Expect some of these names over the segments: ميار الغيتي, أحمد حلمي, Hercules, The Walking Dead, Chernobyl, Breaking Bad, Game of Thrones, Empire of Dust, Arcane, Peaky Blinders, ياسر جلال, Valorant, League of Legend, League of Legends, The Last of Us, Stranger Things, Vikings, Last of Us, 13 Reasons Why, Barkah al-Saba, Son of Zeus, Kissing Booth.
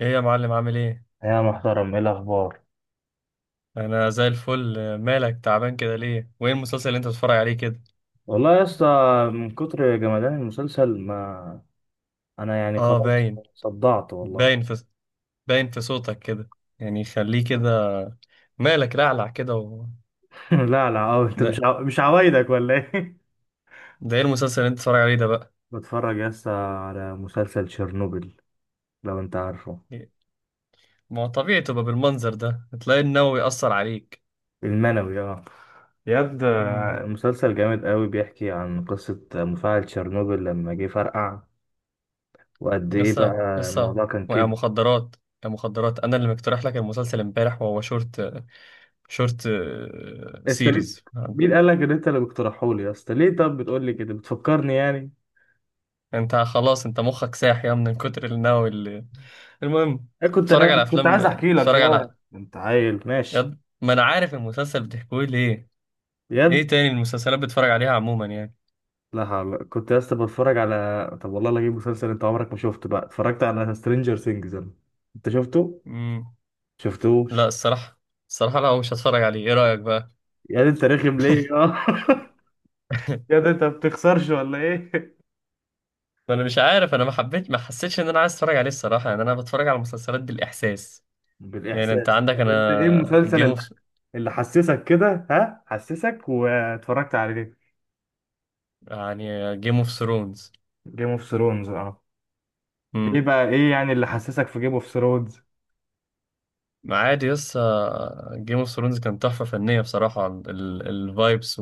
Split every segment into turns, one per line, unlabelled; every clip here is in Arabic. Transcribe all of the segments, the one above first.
ايه يا معلم؟ عامل ايه؟
يا محترم، ايه الاخبار؟
انا زي الفل. مالك تعبان كده ليه؟ وايه المسلسل اللي انت بتتفرج عليه كده؟
والله يا اسطى، من كتر جمدان المسلسل، ما انا يعني
اه،
خلاص صدعت والله.
باين في باين في صوتك كده، يعني خليه كده. مالك رعلع كده و...
لا لا، أو انت
ده
مش عوايدك ولا ايه؟
ده ايه المسلسل اللي انت بتتفرج عليه ده بقى؟
بتفرج يا اسطى على مسلسل تشيرنوبل، لو انت عارفه.
ما هو طبيعي تبقى بالمنظر ده تلاقي النووي يأثر عليك.
المنوي اه، ياد
امم.
مسلسل جامد قوي، بيحكي عن قصة مفاعل تشيرنوبل لما جه فرقع. وقد ايه
يسا
بقى
يسا،
الموضوع كان
ويا
كده.
مخدرات، يا مخدرات، انا اللي مقترح لك المسلسل امبارح، وهو شورت
انت ليه-
سيريز.
مين قال لك ان انت اللي بتقترحه لي يا اسطى؟ ليه طب بتقول لي كده، بتفكرني يعني؟
انت خلاص، انت مخك ساح يا من كتر النووي اللي... المهم.
إيه، كنت
اتفرج على
انا كنت
افلام،
عايز احكي لك
اتفرج
يا
على
انت عيل ماشي؟
بجد ما انا عارف المسلسل بتحكوه ليه. ايه
بجد؟
تاني المسلسلات بتتفرج عليها عموما يعني؟
لا حول، كنت يا اسطى بتفرج على طب والله لا اجيب مسلسل انت عمرك ما شفته بقى. اتفرجت على سترينجر ثينجز انا، انت شفته؟
امم. لا
شفتوش؟
الصراحه لا، مش هتفرج عليه، ايه رايك بقى؟
يا ده انت رخم ليه اه؟ يا ده انت ما بتخسرش ولا ايه؟
ما انا مش عارف، انا ما حبيت، ما حسيتش ان انا عايز اتفرج عليه الصراحه يعني. انا بتفرج على مسلسلات بالاحساس. يعني انت
بالاحساس؟
عندك،
طب انت ايه
انا
المسلسل
جيم
اللي
اوف...
اللي حسسك كده؟ ها، حسسك واتفرجت عليه.
يعني جيم اوف ثرونز.
جيم اوف ثرونز اه. ايه
امم.
بقى، ايه يعني اللي حسسك في جيم اوف ثرونز؟
عادي، يس. جيم اوف ثرونز كان تحفه فنيه بصراحه، الفايبس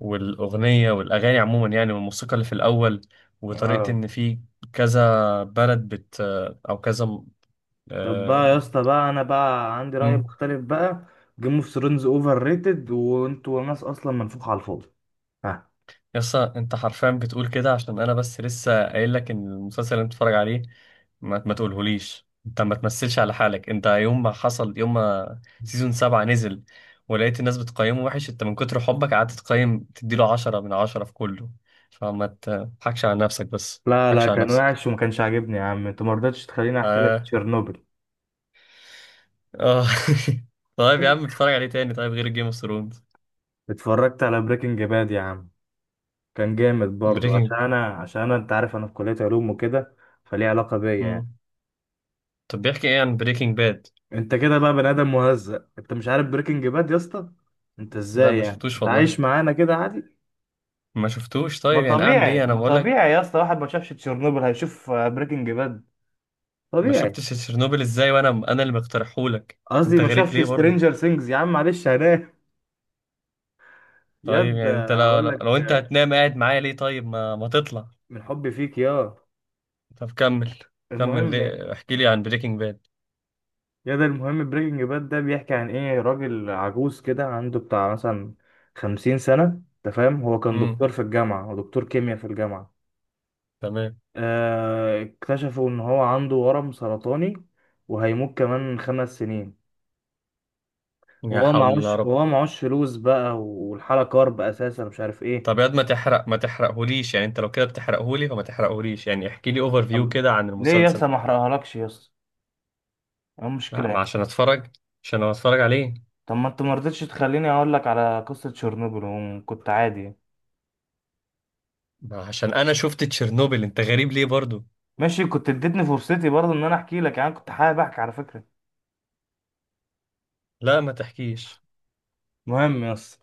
والأغنية والأغاني عموما يعني، والموسيقى اللي في الأول، وطريقة
اه.
إن في كذا بلد بت أو كذا م-
طب بقى
آه،
يا اسطى، بقى انا بقى عندي رأي
مم.
مختلف بقى. جيم اوف ثرونز اوفر ريتد، وانتوا ناس اصلا منفوخة على الفاضي. ها.
يسا، أنت حرفيا بتقول كده عشان أنا بس لسه قايل لك إن المسلسل اللي أنت بتتفرج عليه، ما تقولهوليش. أنت ما تمثلش على حالك. أنت يوم ما حصل، يوم ما سيزون 7 نزل ولقيت الناس بتقيمه وحش، أنت من كتر حبك قعدت تقيم، تديله 10/10 في كله. فما تضحكش على نفسك، بس
لا
ما
لا،
تضحكش على
كان
نفسك.
وحش وما كانش عاجبني يا عم، انت ما رضيتش تخليني احكي لك
آه،
تشيرنوبل.
اه. طيب يا عم، اتفرج عليه تاني. طيب غير جيم اوف ثرونز.
اتفرجت على بريكنج باد يا عم، كان جامد برضو. عشان
بريكنج.
انا عشان انا انت عارف انا في كلية علوم وكده، فليه علاقة بيا يعني.
طب بيحكي ايه عن بريكنج باد؟
انت كده بقى بني ادم مهزأ، انت مش عارف بريكنج باد يا اسطى؟ انت
لا
ازاي
ما
يعني،
شفتوش
انت
والله،
عايش معانا كده عادي؟
ما شفتوش.
ما
طيب يعني اعمل
طبيعي،
ايه، انا
ما
بقول لك.
طبيعي يا اسطى، واحد ما شافش تشيرنوبل هيشوف بريكنج باد.
ما
طبيعي.
شفتش تشيرنوبل ازاي، وانا اللي مقترحهولك؟
قصدي
انت
ما
غريب
شافش
ليه برضو؟
سترينجر سينجز. يا عم معلش هنام.
طيب
ياد
يعني انت، لو
هقول
لو, لو
لك
انت هتنام قاعد معايا ليه؟ طيب، ما تطلع.
من حبي فيك يا.
طب كمل. كمل،
المهم،
ليه؟ احكي لي عن بريكنج باد.
ياد المهم بريكنج باد ده بيحكي عن ايه. راجل عجوز كده عنده بتاع مثلا 50 سنة، انت فاهم؟ هو كان دكتور
امم.
في الجامعة، ودكتور كيمياء في الجامعة.
تمام.
اكتشفوا ان هو عنده ورم سرطاني، وهيموت كمان 5 سنين.
يا
وهو
حول الله يا
معهوش
رب.
وهو معهوش فلوس بقى، والحالة كارب اساسا مش عارف ايه.
طب يا واد، ما تحرقهوليش يعني. انت لو كده بتحرقهولي، فما تحرقهوليش يعني. احكي لي اوفر فيو
طب
كده عن
ليه يا اسطى
المسلسل.
ما احرقهالكش يا اسطى؟ إيه
لا،
المشكلة
ما
يعني؟
عشان اتفرج عشان أنا اتفرج عليه.
طب ما انت ما رضيتش تخليني اقول لك على قصة تشيرنوبل، وكنت عادي.
ما عشان انا شفت تشيرنوبل، انت غريب ليه برضو؟
ماشي، كنت اديتني فرصتي برضه ان انا احكي لك يعني. كنت حابب احكي على فكرة،
لا ما تحكيش.
مهم يا اسطى.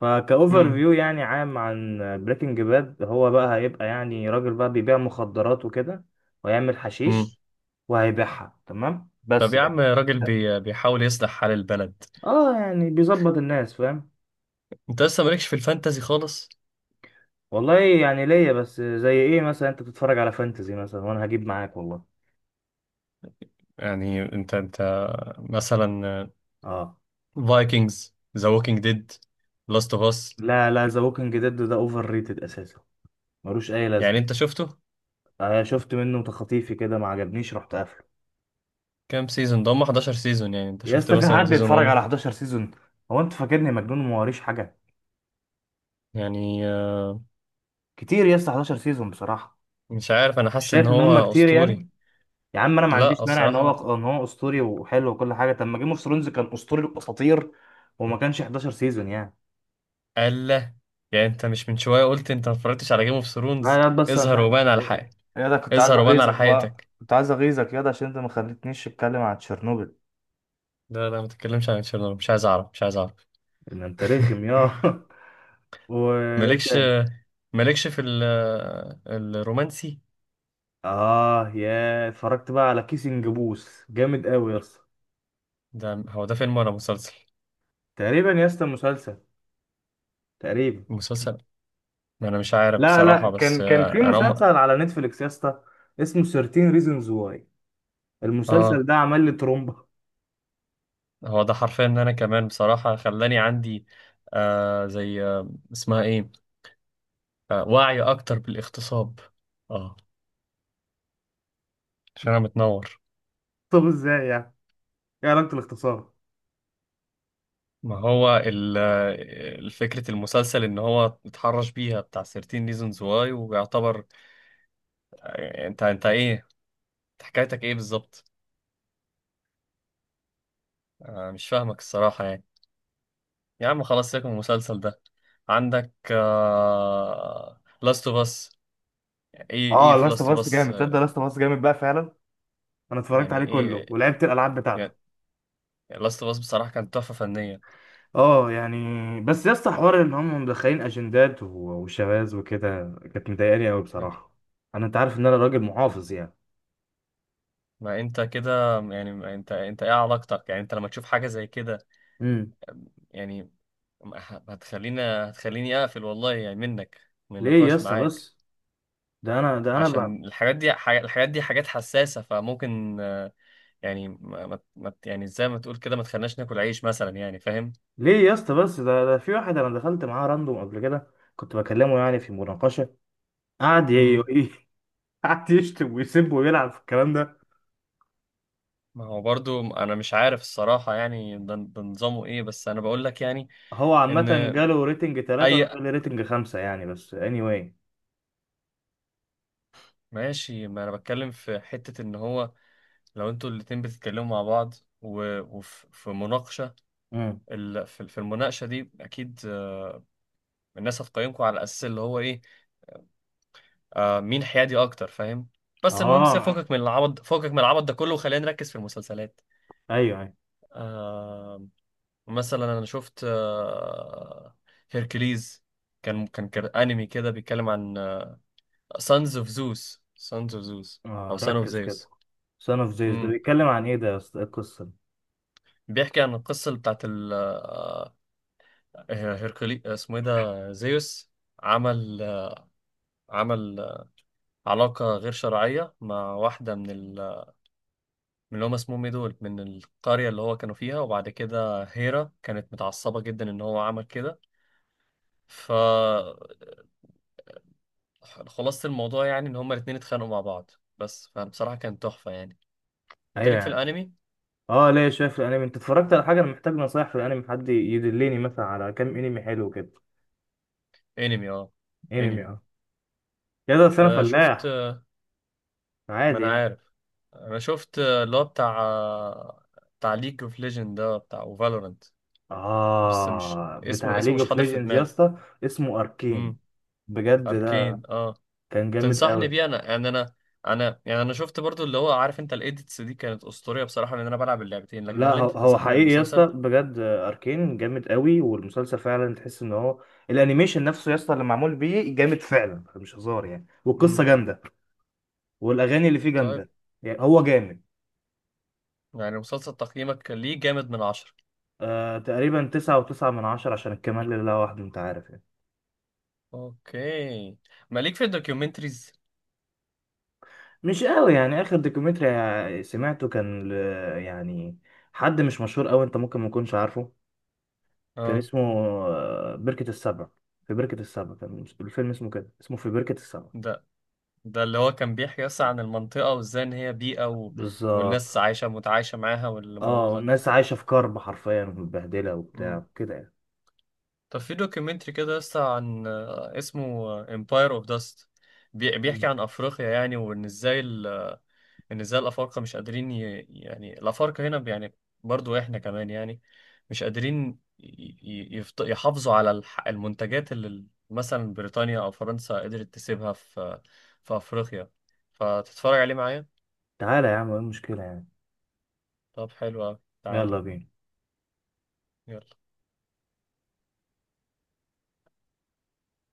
فكأوفر
امم.
فيو يعني عام عن بريكنج باد، هو بقى هيبقى يعني راجل بقى بيبيع مخدرات وكده، ويعمل
امم.
حشيش وهيبيعها تمام،
طب
بس
يا
يعني.
عم، بيحاول يصلح حال البلد.
اه يعني بيظبط الناس فاهم.
انت لسه مالكش في الفانتازي خالص.
والله يعني ليا، بس زي ايه مثلا؟ انت بتتفرج على فانتزي مثلا وانا هجيب معاك والله.
يعني انت مثلا،
اه.
فايكنجز، ذا ووكينج ديد، لاست اوف اس.
لا لا، ذا ووكينج ديد ده اوفر ريتد اساسا، ملوش اي
يعني انت
لازمه.
شفته؟
آه شفت منه تخطيفي كده، ما عجبنيش رحت قافله.
كام سيزون ده، هم 11 سيزون. يعني انت
يا
شفت
اسطى، في
مثلا
حد
سيزون
بيتفرج على
1؟
11 سيزون؟ هو انت فاكرني مجنون وما وريش حاجه؟
يعني
كتير يا اسطى، 11 سيزون بصراحه.
مش عارف، انا
مش
حاسس ان
شايف ان هم
هو
كتير
اسطوري.
يعني؟ يا عم انا ما
لا
عنديش مانع ان
الصراحة،
هو ان هو اسطوري وحلو وكل حاجه، طب ما جيم اوف ثرونز كان اسطوري الاساطير وما كانش 11 سيزون يعني.
لا. يعني انت مش من شوية قلت انت ما اتفرجتش على جيم اوف ثرونز؟
لا، يا بس انا مش
اظهر
عارف.
وبان على
إيه-
حقك.
يا ده، كنت عايز
اظهر وبان على
اغيظك بقى،
حقيقتك.
كنت عايز اغيظك يا ده عشان انت ما خليتنيش اتكلم عن تشيرنوبل.
لا لا، ما تتكلمش عن تشيرنوبل، مش عايز اعرف، مش عايز اعرف.
ان انت رخم يا. وايه
مالكش
تاني؟
مالكش الرومانسي.
اه، يا اتفرجت بقى على كيسنج بوث جامد قوي يا اسطى.
هو ده فيلم ولا مسلسل؟
تقريبا يا اسطى مسلسل، تقريبا.
مسلسل. ما انا مش عارف
لا لا،
بصراحة، بس
كان في
انا
مسلسل على نتفليكس يا اسطى، اسمه 13 ريزونز واي. المسلسل
اه.
ده عمل لي ترومبا.
هو ده حرفيا ان انا كمان بصراحة خلاني عندي، زي اسمها ايه، وعي اكتر بالاغتصاب. اه، عشان انا متنور.
طب ازاي يعني؟ ايه علاقة الاختصار؟
ما هو الفكرة المسلسل ان هو اتحرش بيها بتاع 13 reasons why ويعتبر. انت ايه؟ انت حكايتك ايه بالظبط؟ انا مش فاهمك الصراحة يعني. يا عم خلاص، سيبك من المسلسل ده. عندك Last of Us. ايه
اه
في Last
لاست اوف
of
اس
Us؟
جامد، تصدق لاست اوف اس جامد بقى فعلا. انا اتفرجت عليه
يعني ايه،
كله ولعبت الالعاب بتاعته.
يعني Last of Us بصراحة كانت تحفة فنية.
اه يعني. بس يا اسطى، حوار ان هم مدخلين اجندات وشواذ وكده كانت مضايقاني قوي بصراحة. انا انت عارف ان انا راجل محافظ يعني.
ما انت كده يعني، ما انت ايه علاقتك يعني انت لما تشوف حاجة زي كده؟
مم.
يعني هتخليني اقفل والله، يعني منك، من
ليه يا
النقاش
اسطى
معاك.
بس، ده انا ده انا ب...
عشان الحاجات دي، الحاجات دي حاجات حساسة، فممكن يعني يعني زي ما تقول كده ما تخليناش ناكل عيش مثلا، يعني فاهم؟
ليه يا اسطى بس ده في واحد انا دخلت معاه راندوم قبل كده، كنت بكلمه يعني في مناقشه. قعد ي...
مم.
ي- قعد يشتم ويسب ويلعب في الكلام ده.
ما هو برضو انا مش عارف الصراحة يعني، ده نظامه ايه؟ بس انا بقول لك يعني،
هو
ان...
عامه جاله ريتنج
اي،
3، وانا جالي ريتنج 5 يعني، بس anyway.
ماشي. ما انا بتكلم في حتة، ان هو لو انتوا الاتنين بتتكلموا مع بعض، وفي مناقشة،
امم
في المناقشة دي اكيد الناس هتقيمكم على اساس اللي هو ايه، مين حيادي اكتر، فاهم؟ بس المهم، سيبك
اه،
فوقك من العبط، فوقك من العبط ده كله، وخلينا نركز في المسلسلات.
ايوه ايوه.
آه مثلا، انا شفت هيركليز. كان انمي كده، بيتكلم عن سانز اوف زوس، او
اه،
سان اوف
ركز كده.
زيوس.
سان اوف زيوس ده
امم.
بيتكلم عن ايه ده يا اسطى؟ إيه القصه دي؟
بيحكي عن القصه اللي بتاعت ال آه، هيركلي، اسمه ايه ده، زيوس، عمل آه، عمل علاقه غير شرعيه مع واحده من اللي هم اسمهم ايه دول، من القرية اللي هو كانوا فيها. وبعد كده هيرا كانت متعصبة جدا ان هو عمل كده، فخلاصة الموضوع يعني ان هما الاتنين اتخانقوا مع بعض. بس فبصراحة كانت تحفة يعني. انت
ايوه
ليك في
يعني.
الانمي؟
اه ليه، شايف الانمي؟ انت اتفرجت على حاجه؟ انا محتاج نصايح في الانمي، حد يدلني مثلا على كام انمي حلو كده.
انمي، اه،
انمي
انمي.
اه. يا ده بس انا
آه، شفت.
فلاح،
ما
عادي
انا
يعني.
عارف. انا شفت اللي هو بتاع، بتاع ليج اوف ليجند ده بتاع، وفالورنت. بس مش
اه
اسمه
بتاع
اسمه
ليج
مش
اوف
حاضر في
ليجندز يا
دماغي.
اسطى، اسمه اركين.
امم.
بجد ده
اركين، اه.
كان جامد
تنصحني
قوي.
بيه انا، يعني انا يعني انا شفت برضو، اللي هو، عارف انت الايديتس دي كانت اسطوريه بصراحه لان انا بلعب اللعبتين. لكن
لا
هل
هو
انت
هو
تنصحني
حقيقي يا اسطى
بالمسلسل؟
بجد، اركين جامد قوي، والمسلسل فعلا تحس ان هو الانيميشن نفسه يا اسطى اللي معمول بيه جامد فعلا مش هزار يعني، والقصه
امم.
جامده، والاغاني اللي فيه
طيب،
جامده، يعني هو جامد.
يعني مسلسل تقييمك ليه جامد من 10؟
تقريبا 9.9 من 10، عشان الكمال لله وحده انت عارف يعني.
اوكي. ماليك في الدوكيومنتريز.
مش قوي يعني. اخر دوكيومنتري سمعته كان يعني حد مش مشهور قوي، انت ممكن ما تكونش عارفه. كان
اه.
اسمه بركة السبع. في بركة السبع، كان الفيلم اسمه كده، اسمه في بركة السبع.
ده ده اللي هو كان بيحكي اصلا عن المنطقه، وازاي ان هي بيئه و...
بالظبط.
والناس متعايشه معاها،
اه،
والموضوع ده.
والناس عايشة في كرب حرفيا، ومتبهدلة
امم.
وبتاع كده يعني.
طب في دوكيومنتري كده لسه، عن اسمه Empire of Dust.
مم.
بيحكي عن افريقيا، يعني، ان ازاي الافارقه مش قادرين يعني الافارقه هنا يعني، برضو احنا كمان يعني، مش قادرين ي... يحافظوا على المنتجات اللي مثلا بريطانيا او فرنسا قدرت تسيبها في افريقيا. فتتفرج عليه معايا؟
تعالى يا عم، ايه المشكلة يعني؟
طب حلو أوي. تعال.
يلا بينا.
يلا.